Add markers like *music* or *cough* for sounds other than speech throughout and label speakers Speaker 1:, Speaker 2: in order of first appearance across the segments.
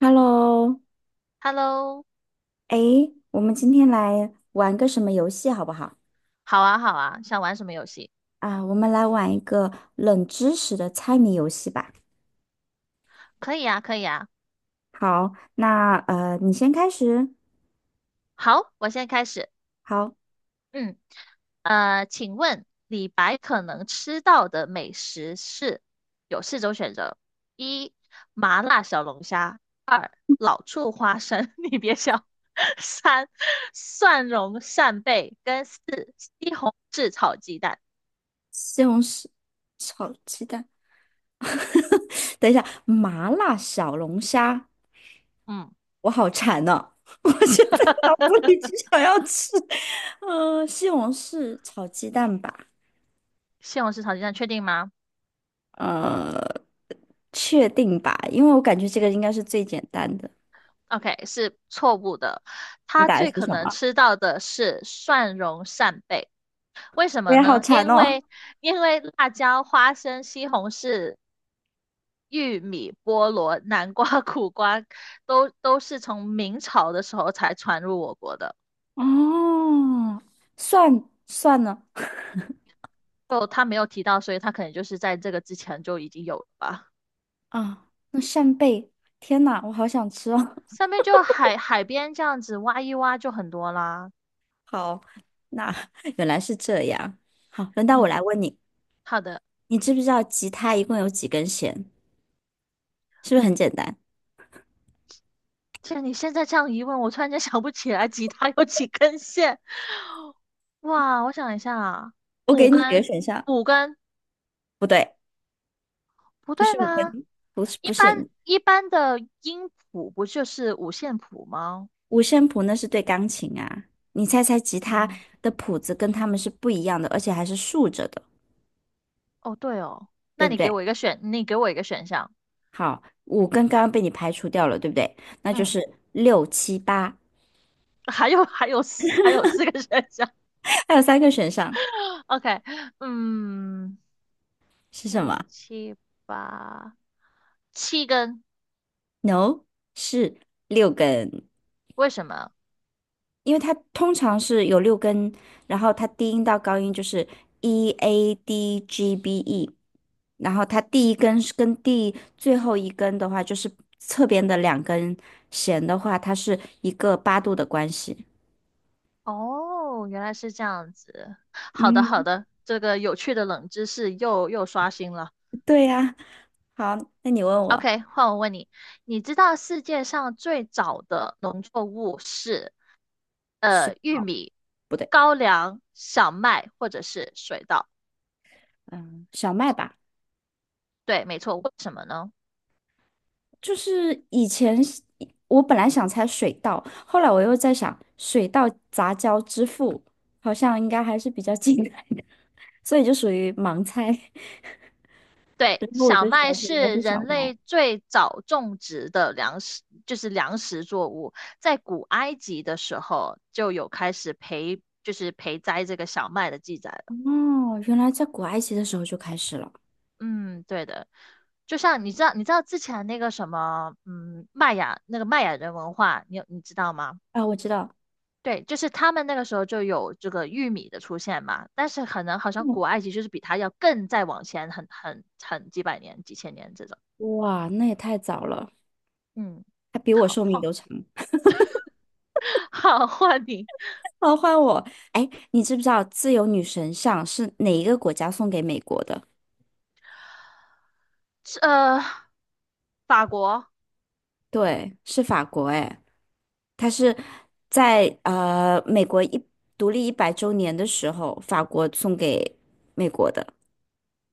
Speaker 1: Hello，
Speaker 2: Hello，
Speaker 1: 哎，我们今天来玩个什么游戏好不好？
Speaker 2: 好啊，好啊，想玩什么游戏？
Speaker 1: 啊，我们来玩一个冷知识的猜谜游戏吧。
Speaker 2: 可以啊，可以啊。
Speaker 1: 好，那你先开始。
Speaker 2: 好，我现在开始。
Speaker 1: 好，
Speaker 2: 嗯，请问李白可能吃到的美食是有四种选择：一、麻辣小龙虾；二、老醋花生，*laughs* 你别笑；*laughs* 三、蒜蓉扇贝；跟四、西红柿炒鸡蛋。
Speaker 1: 西红柿炒鸡蛋。*laughs* 等一下，麻辣小龙虾，
Speaker 2: 嗯，
Speaker 1: 我好馋呢、*laughs* 我现在 *laughs* 脑子里只
Speaker 2: *laughs*
Speaker 1: 想要吃，西红柿炒鸡蛋吧。
Speaker 2: 西红柿炒鸡蛋确定吗？
Speaker 1: 呃，确定吧，因为我感觉这个应该是最简单的。
Speaker 2: OK，是错误的。
Speaker 1: 你
Speaker 2: 他
Speaker 1: 打的
Speaker 2: 最
Speaker 1: 是
Speaker 2: 可
Speaker 1: 什
Speaker 2: 能
Speaker 1: 么？
Speaker 2: 吃到的是蒜蓉扇贝，为什
Speaker 1: 我
Speaker 2: 么
Speaker 1: 也好
Speaker 2: 呢？
Speaker 1: 馋
Speaker 2: 因
Speaker 1: 哦。
Speaker 2: 为因为辣椒、花生、西红柿、玉米、菠萝、南瓜、*laughs* 苦瓜都是从明朝的时候才传入我国的。
Speaker 1: 哦，蒜呢？*laughs*
Speaker 2: 就他没有提到，所以他可能就是在这个之前就已经有了吧。
Speaker 1: 啊，那扇贝，天呐，我好想吃哦。
Speaker 2: 上面就海边这样子挖一挖就很多啦。
Speaker 1: *laughs* 好，那 *laughs* 原来是这样。好，轮到我
Speaker 2: 嗯，
Speaker 1: 来问你，
Speaker 2: 好的。
Speaker 1: 你知不知道吉他一共有几根弦？是不是很简单？
Speaker 2: 既然你现在这样一问，我突然间想不起来吉他有几根线。哇，我想一下啊，
Speaker 1: 我
Speaker 2: 五
Speaker 1: 给你几
Speaker 2: 根，
Speaker 1: 个选项。
Speaker 2: 五根，
Speaker 1: 不对，
Speaker 2: 不
Speaker 1: 不
Speaker 2: 对
Speaker 1: 是五
Speaker 2: 吗？
Speaker 1: 根，不是
Speaker 2: 一
Speaker 1: 不是
Speaker 2: 般一般的音谱不就是五线谱吗？
Speaker 1: 五线谱，那是对钢琴啊。你猜猜吉他
Speaker 2: 嗯，
Speaker 1: 的谱子跟他们是不一样的，而且还是竖着的，
Speaker 2: 哦对哦，那
Speaker 1: 对不
Speaker 2: 你给
Speaker 1: 对？
Speaker 2: 我一个选，你给我一个选项。
Speaker 1: 好，五根刚刚被你排除掉了，对不对？那就
Speaker 2: 嗯，
Speaker 1: 是六七八，
Speaker 2: *laughs* 还有还有四个选项。
Speaker 1: 还有三个选项
Speaker 2: *laughs* OK,嗯，
Speaker 1: 是什
Speaker 2: 六
Speaker 1: 么
Speaker 2: 七八，七根，
Speaker 1: ？No，是六根，
Speaker 2: 为什么？
Speaker 1: 因为它通常是有六根，然后它低音到高音就是 E A D G B E，然后它第一根是跟最后一根的话，就是侧边的两根弦的话，它是一个八度的关系。
Speaker 2: 哦，原来是这样子。好的好
Speaker 1: 嗯，
Speaker 2: 的，这个有趣的冷知识又刷新了。
Speaker 1: 对呀。好，那你问我
Speaker 2: OK,换我问你，你知道世界上最早的农作物是
Speaker 1: 水
Speaker 2: 玉
Speaker 1: 稻
Speaker 2: 米、
Speaker 1: 不对，
Speaker 2: 高粱、小麦或者是水稻？
Speaker 1: 嗯，小麦吧。
Speaker 2: 对，没错。为什么呢？
Speaker 1: 就是以前是我本来想猜水稻，后来我又在想水稻杂交之父好像应该还是比较 *laughs* 近代的，所以就属于盲猜。*laughs*
Speaker 2: 对，
Speaker 1: 然后我
Speaker 2: 小
Speaker 1: 就
Speaker 2: 麦
Speaker 1: 想说应该
Speaker 2: 是
Speaker 1: 是
Speaker 2: 人
Speaker 1: 小
Speaker 2: 类
Speaker 1: 麦。
Speaker 2: 最早种植的粮食，就是粮食作物。在古埃及的时候就有开始培，就是培栽这个小麦的记载了。
Speaker 1: 哦，原来在古埃及的时候就开始了
Speaker 2: 嗯，对的，就像你知道之前那个什么，嗯，玛雅人文化，你知道吗？
Speaker 1: 啊！我知道，
Speaker 2: 对，就是他们那个时候就有这个玉米的出现嘛，但是可能好像古
Speaker 1: 嗯，
Speaker 2: 埃及就是比它要更再往前很几百年、几千年这种。
Speaker 1: 哇，那也太早了，
Speaker 2: 嗯，
Speaker 1: 还比我
Speaker 2: 好，
Speaker 1: 寿命
Speaker 2: 换
Speaker 1: 都长。
Speaker 2: *laughs* 好，换你，
Speaker 1: *laughs* 好，换我。哎，你知不知道自由女神像是哪一个国家送给美国的？
Speaker 2: 是法国，
Speaker 1: 对，是法国。哎。它是在美国独立100周年的时候，法国送给美国的。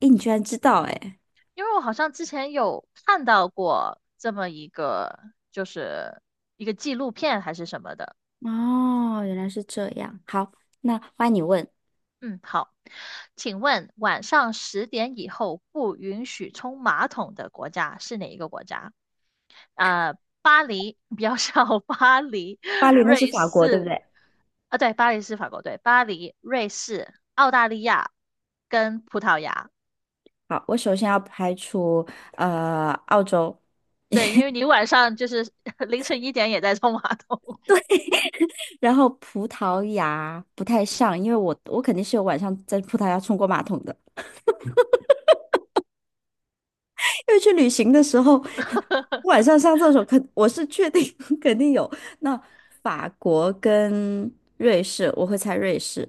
Speaker 1: 诶，你居然知道诶，
Speaker 2: 因为我好像之前有看到过这么一个，就是一个纪录片还是什么的。
Speaker 1: 哦，原来是这样。好，那欢迎你问，
Speaker 2: 嗯，好，请问晚上十点以后不允许冲马桶的国家是哪一个国家？呃，巴黎，比较笑，*laughs* 巴黎，
Speaker 1: 巴黎那
Speaker 2: 瑞
Speaker 1: 是法国，对不
Speaker 2: 士，
Speaker 1: 对？
Speaker 2: 啊，对，巴黎是法国，对，巴黎、瑞士、澳大利亚跟葡萄牙，
Speaker 1: 好，我首先要排除澳洲，
Speaker 2: 对，因为你晚上就是 *laughs* 凌晨1点也在冲马桶，
Speaker 1: 然后葡萄牙不太像，因为我肯定是有晚上在葡萄牙冲过马桶的。因为去旅行的时候，*laughs*
Speaker 2: *laughs*
Speaker 1: 晚上上厕所我是确定 *laughs* 肯定有。那法国跟瑞士，我会猜瑞士，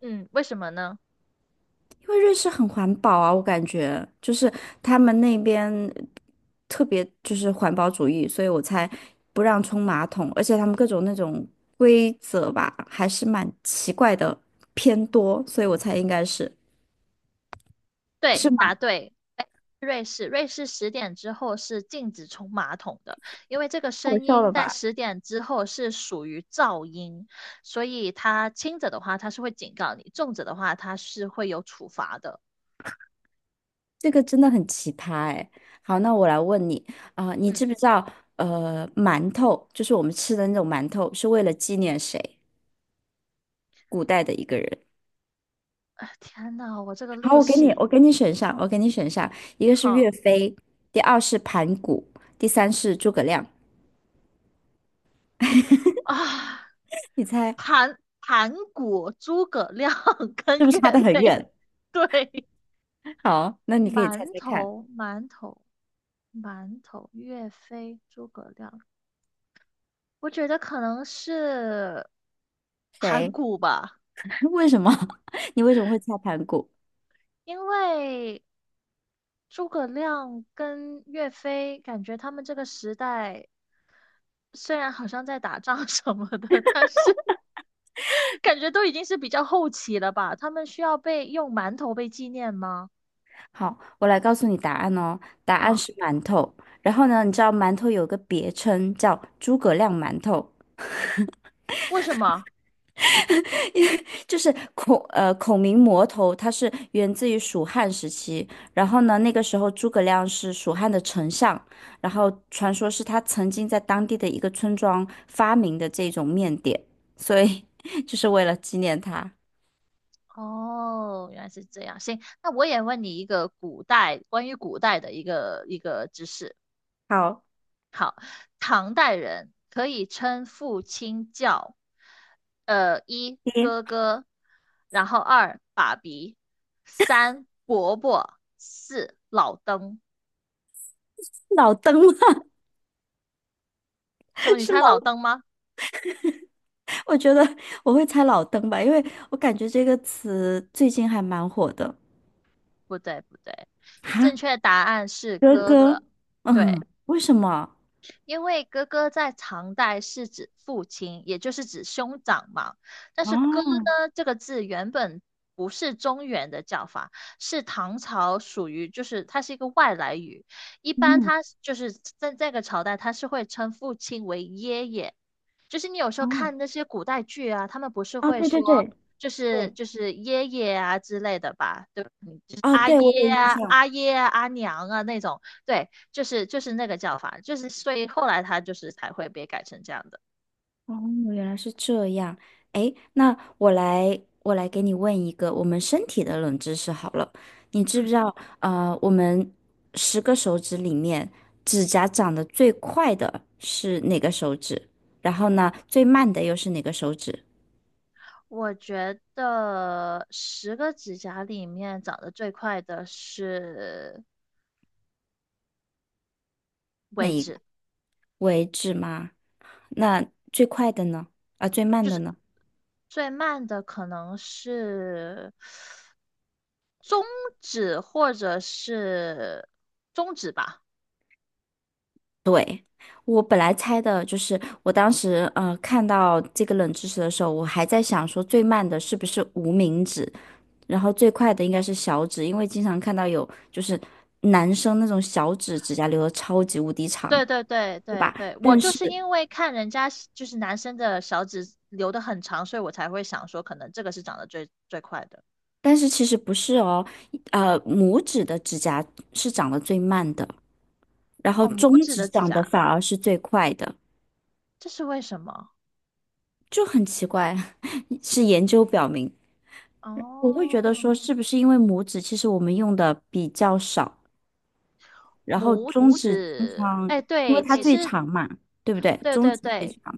Speaker 2: 嗯，为什么呢？
Speaker 1: 因为瑞士很环保啊，我感觉就是他们那边特别就是环保主义，所以我猜不让冲马桶，而且他们各种那种规则吧，还是蛮奇怪的，偏多，所以我猜应该是
Speaker 2: 对，
Speaker 1: 是
Speaker 2: 答
Speaker 1: 吗？
Speaker 2: 对。哎，瑞士，瑞士十点之后是禁止冲马桶的，因为这个
Speaker 1: 太好
Speaker 2: 声
Speaker 1: 笑
Speaker 2: 音
Speaker 1: 了
Speaker 2: 在
Speaker 1: 吧？
Speaker 2: 十点之后是属于噪音，所以它轻者的话它是会警告你，重者的话它是会有处罚的。
Speaker 1: 这个真的很奇葩哎。好，那我来问你啊、你
Speaker 2: 嗯，
Speaker 1: 知不知道馒头就是我们吃的那种馒头，是为了纪念谁？古代的一个人。
Speaker 2: 啊，天呐，我这个
Speaker 1: 好，
Speaker 2: 历
Speaker 1: 我给你，
Speaker 2: 史
Speaker 1: 我给你选上，我给你选上，一个是
Speaker 2: 好
Speaker 1: 岳飞，第二是盘古，第三是诸葛亮。
Speaker 2: 啊，
Speaker 1: 你猜
Speaker 2: 盘古、诸葛亮 *laughs*
Speaker 1: 是
Speaker 2: 跟
Speaker 1: 不是
Speaker 2: 岳
Speaker 1: 差得很
Speaker 2: 飞，
Speaker 1: 远？
Speaker 2: 对，
Speaker 1: *laughs* 好，那你可以猜
Speaker 2: 馒
Speaker 1: 猜看，
Speaker 2: 头，馒头，馒头，岳飞，诸葛亮。我觉得可能是盘
Speaker 1: 谁？
Speaker 2: 古吧，
Speaker 1: *laughs* 为什么？*laughs* 你为什么会猜盘古？
Speaker 2: 因为诸葛亮跟岳飞，感觉他们这个时代虽然好像在打仗 *laughs* 什么的，但是 *laughs* 感觉都已经是比较后期了吧？他们需要被用馒头被纪念吗？
Speaker 1: 好，我来告诉你答案哦。答案
Speaker 2: 啊，
Speaker 1: 是馒头。然后呢，你知道馒头有个别称叫诸葛亮馒头，
Speaker 2: 为什么？
Speaker 1: 就是孔明馍头，它是源自于蜀汉时期。然后呢，那个时候诸葛亮是蜀汉的丞相，然后传说是他曾经在当地的一个村庄发明的这种面点，所以 *laughs* 就是为了纪念他。
Speaker 2: 哦，原来是这样。行，那我也问你一个古代关于古代的一个知识。
Speaker 1: 好，
Speaker 2: 唐代人可以称父亲叫，呃，一
Speaker 1: 你是
Speaker 2: 哥哥，然后二爸比，三伯伯，四老登。
Speaker 1: 老灯吗？
Speaker 2: 什么？
Speaker 1: *laughs*
Speaker 2: 你
Speaker 1: 是
Speaker 2: 猜老
Speaker 1: 老。
Speaker 2: 登吗？
Speaker 1: 我觉得我会猜老登吧，因为我感觉这个词最近还蛮火的。
Speaker 2: 不对，不对，正
Speaker 1: 哈，
Speaker 2: 确答案是
Speaker 1: 哥是
Speaker 2: 哥哥。
Speaker 1: 哥，
Speaker 2: 对。
Speaker 1: 嗯，为什么？
Speaker 2: 因为哥哥在唐代是指父亲，也就是指兄长嘛。但
Speaker 1: 哦，
Speaker 2: 是"哥"呢，这个字原本不是中原的叫法，是唐朝属于，就是它是一个外来语。一般
Speaker 1: 嗯，
Speaker 2: 它就是在这个朝代，它是会称父亲为爷爷。就是你有时候
Speaker 1: 哦，
Speaker 2: 看那些古代剧啊，他们不是
Speaker 1: 啊，
Speaker 2: 会
Speaker 1: 对对
Speaker 2: 说，
Speaker 1: 对
Speaker 2: 就是
Speaker 1: 对，
Speaker 2: 就是爷爷啊之类的吧，对吧就是
Speaker 1: 啊，
Speaker 2: 阿
Speaker 1: 对，我有
Speaker 2: 爷
Speaker 1: 印
Speaker 2: 啊、
Speaker 1: 象。
Speaker 2: 阿爷啊、阿娘啊那种，对。就是那个叫法，就是所以后来它就是才会被改成这样的。
Speaker 1: 哦，原来是这样。诶，那我来，我来给你问一个我们身体的冷知识好了。你知不
Speaker 2: 嗯，
Speaker 1: 知道，我们10个手指里面，指甲长得最快的是哪个手指？然后呢，最慢的又是哪个手指？
Speaker 2: 我觉得10个指甲里面长得最快的是
Speaker 1: 那一
Speaker 2: 指，
Speaker 1: 个为止吗？那最快的呢？啊，最慢的呢？
Speaker 2: 最慢的可能是指或者是中指吧。
Speaker 1: 对，我本来猜的就是，我当时看到这个冷知识的时候，我还在想说最慢的是不是无名指，然后最快的应该是小指，因为经常看到有就是男生那种小指指甲留的超级无敌长，
Speaker 2: 对对对
Speaker 1: 对
Speaker 2: 对
Speaker 1: 吧？
Speaker 2: 对，我
Speaker 1: 但
Speaker 2: 就
Speaker 1: 是
Speaker 2: 是因为看人家就是男生的小指留的很长，所以我才会想说可能这个是长得最快的。
Speaker 1: 但是其实不是哦，拇指的指甲是长得最慢的，然后
Speaker 2: 哦，
Speaker 1: 中
Speaker 2: 拇指
Speaker 1: 指
Speaker 2: 的指
Speaker 1: 长
Speaker 2: 甲，
Speaker 1: 得反而是最快的。
Speaker 2: 这是为什么？
Speaker 1: 就很奇怪，*laughs* 是研究表明，我会觉得
Speaker 2: 哦，
Speaker 1: 说，是不是因为拇指其实我们用的比较少，然后
Speaker 2: 拇
Speaker 1: 中拇指指经
Speaker 2: 指，
Speaker 1: 常，
Speaker 2: 哎，
Speaker 1: 因为
Speaker 2: 对，
Speaker 1: 它
Speaker 2: 其
Speaker 1: 最
Speaker 2: 实，
Speaker 1: 长嘛，对不对？
Speaker 2: 对
Speaker 1: 中
Speaker 2: 对
Speaker 1: 指最
Speaker 2: 对，
Speaker 1: 长，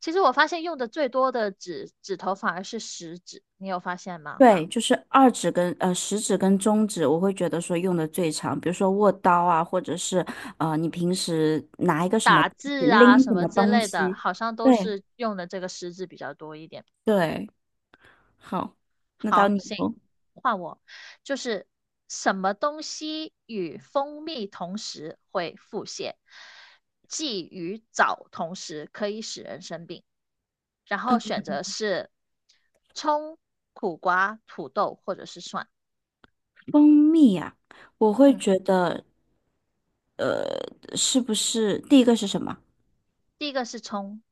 Speaker 2: 其实我发现用的最多的指头反而是食指，你有发现吗？
Speaker 1: 对，就是二指跟食指跟中指，我会觉得说用的最长，比如说握刀啊，或者是你平时拿一个什么
Speaker 2: 打字啊
Speaker 1: 拎
Speaker 2: 什
Speaker 1: 什
Speaker 2: 么
Speaker 1: 么
Speaker 2: 之
Speaker 1: 东
Speaker 2: 类的，
Speaker 1: 西，
Speaker 2: 好像都
Speaker 1: 对
Speaker 2: 是用的这个食指比较多一点。
Speaker 1: 对，好，那到
Speaker 2: 好，
Speaker 1: 你
Speaker 2: 行，
Speaker 1: 喽。
Speaker 2: 换我，就是什么东西与蜂蜜同时会腹泻，忌与枣同时可以使人生病。然后选择是葱、苦瓜、土豆或者是蒜。
Speaker 1: 蜂蜜啊，我会
Speaker 2: 嗯，
Speaker 1: 觉得是不是第一个是什么？
Speaker 2: 第一个是葱，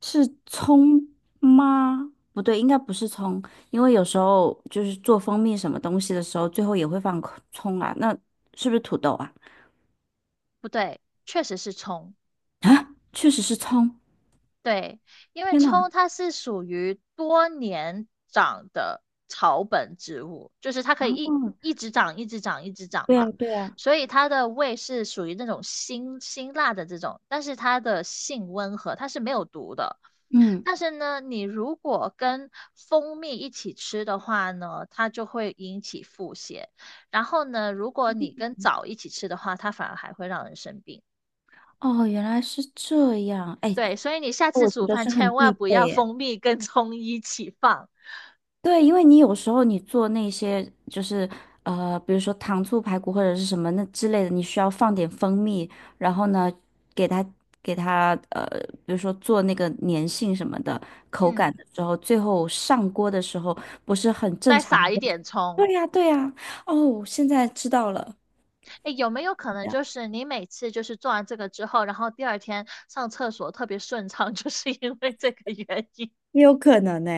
Speaker 1: 是葱吗？不对，应该不是葱，因为有时候就是做蜂蜜什么东西的时候，最后也会放葱啊。那是不是土豆啊？
Speaker 2: 不对，确实是葱。
Speaker 1: 啊，确实是葱。
Speaker 2: 对，因为
Speaker 1: 天呐！
Speaker 2: 葱它是属于多年长的草本植物，就是它可以一
Speaker 1: 哦，
Speaker 2: 一直长、一直长、一直长
Speaker 1: 对啊，
Speaker 2: 嘛，
Speaker 1: 对啊，
Speaker 2: 所以它的味是属于那种辛辣的这种，但是它的性温和，它是没有毒的。
Speaker 1: 嗯，
Speaker 2: 但是呢，你如果跟蜂蜜一起吃的话呢，它就会引起腹泻。然后呢，如果你跟枣一起吃的话，它反而还会让人生病。
Speaker 1: 哦，原来是这样。哎，
Speaker 2: 对，所以你下次
Speaker 1: 我觉
Speaker 2: 煮
Speaker 1: 得
Speaker 2: 饭
Speaker 1: 是很
Speaker 2: 千
Speaker 1: 必
Speaker 2: 万不
Speaker 1: 备
Speaker 2: 要
Speaker 1: 耶。
Speaker 2: 蜂蜜跟葱一起放，
Speaker 1: 对，因为你有时候你做那些就是比如说糖醋排骨或者是什么那之类的，你需要放点蜂蜜，然后呢，给它给它比如说做那个粘性什么的口
Speaker 2: 嗯，
Speaker 1: 感的时候，最后上锅的时候不是很正
Speaker 2: 再
Speaker 1: 常
Speaker 2: 撒
Speaker 1: 的
Speaker 2: 一
Speaker 1: 会 *laughs*
Speaker 2: 点葱。
Speaker 1: 对呀，对呀，哦，现在知道了。
Speaker 2: 诶，有没有可能
Speaker 1: 这样
Speaker 2: 就是你每次就是做完这个之后，然后第二天上厕所特别顺畅，*laughs* 就是因为这个原因？
Speaker 1: 也有可能呢、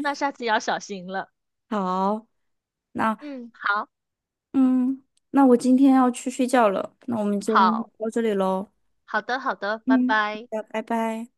Speaker 2: 那下次要小心了。
Speaker 1: 好，那
Speaker 2: 嗯，好，
Speaker 1: 嗯，那我今天要去睡觉了，那我们今天
Speaker 2: 好，
Speaker 1: 到这里喽。
Speaker 2: 好的，好的，拜
Speaker 1: 嗯，好
Speaker 2: 拜。
Speaker 1: 的，拜拜。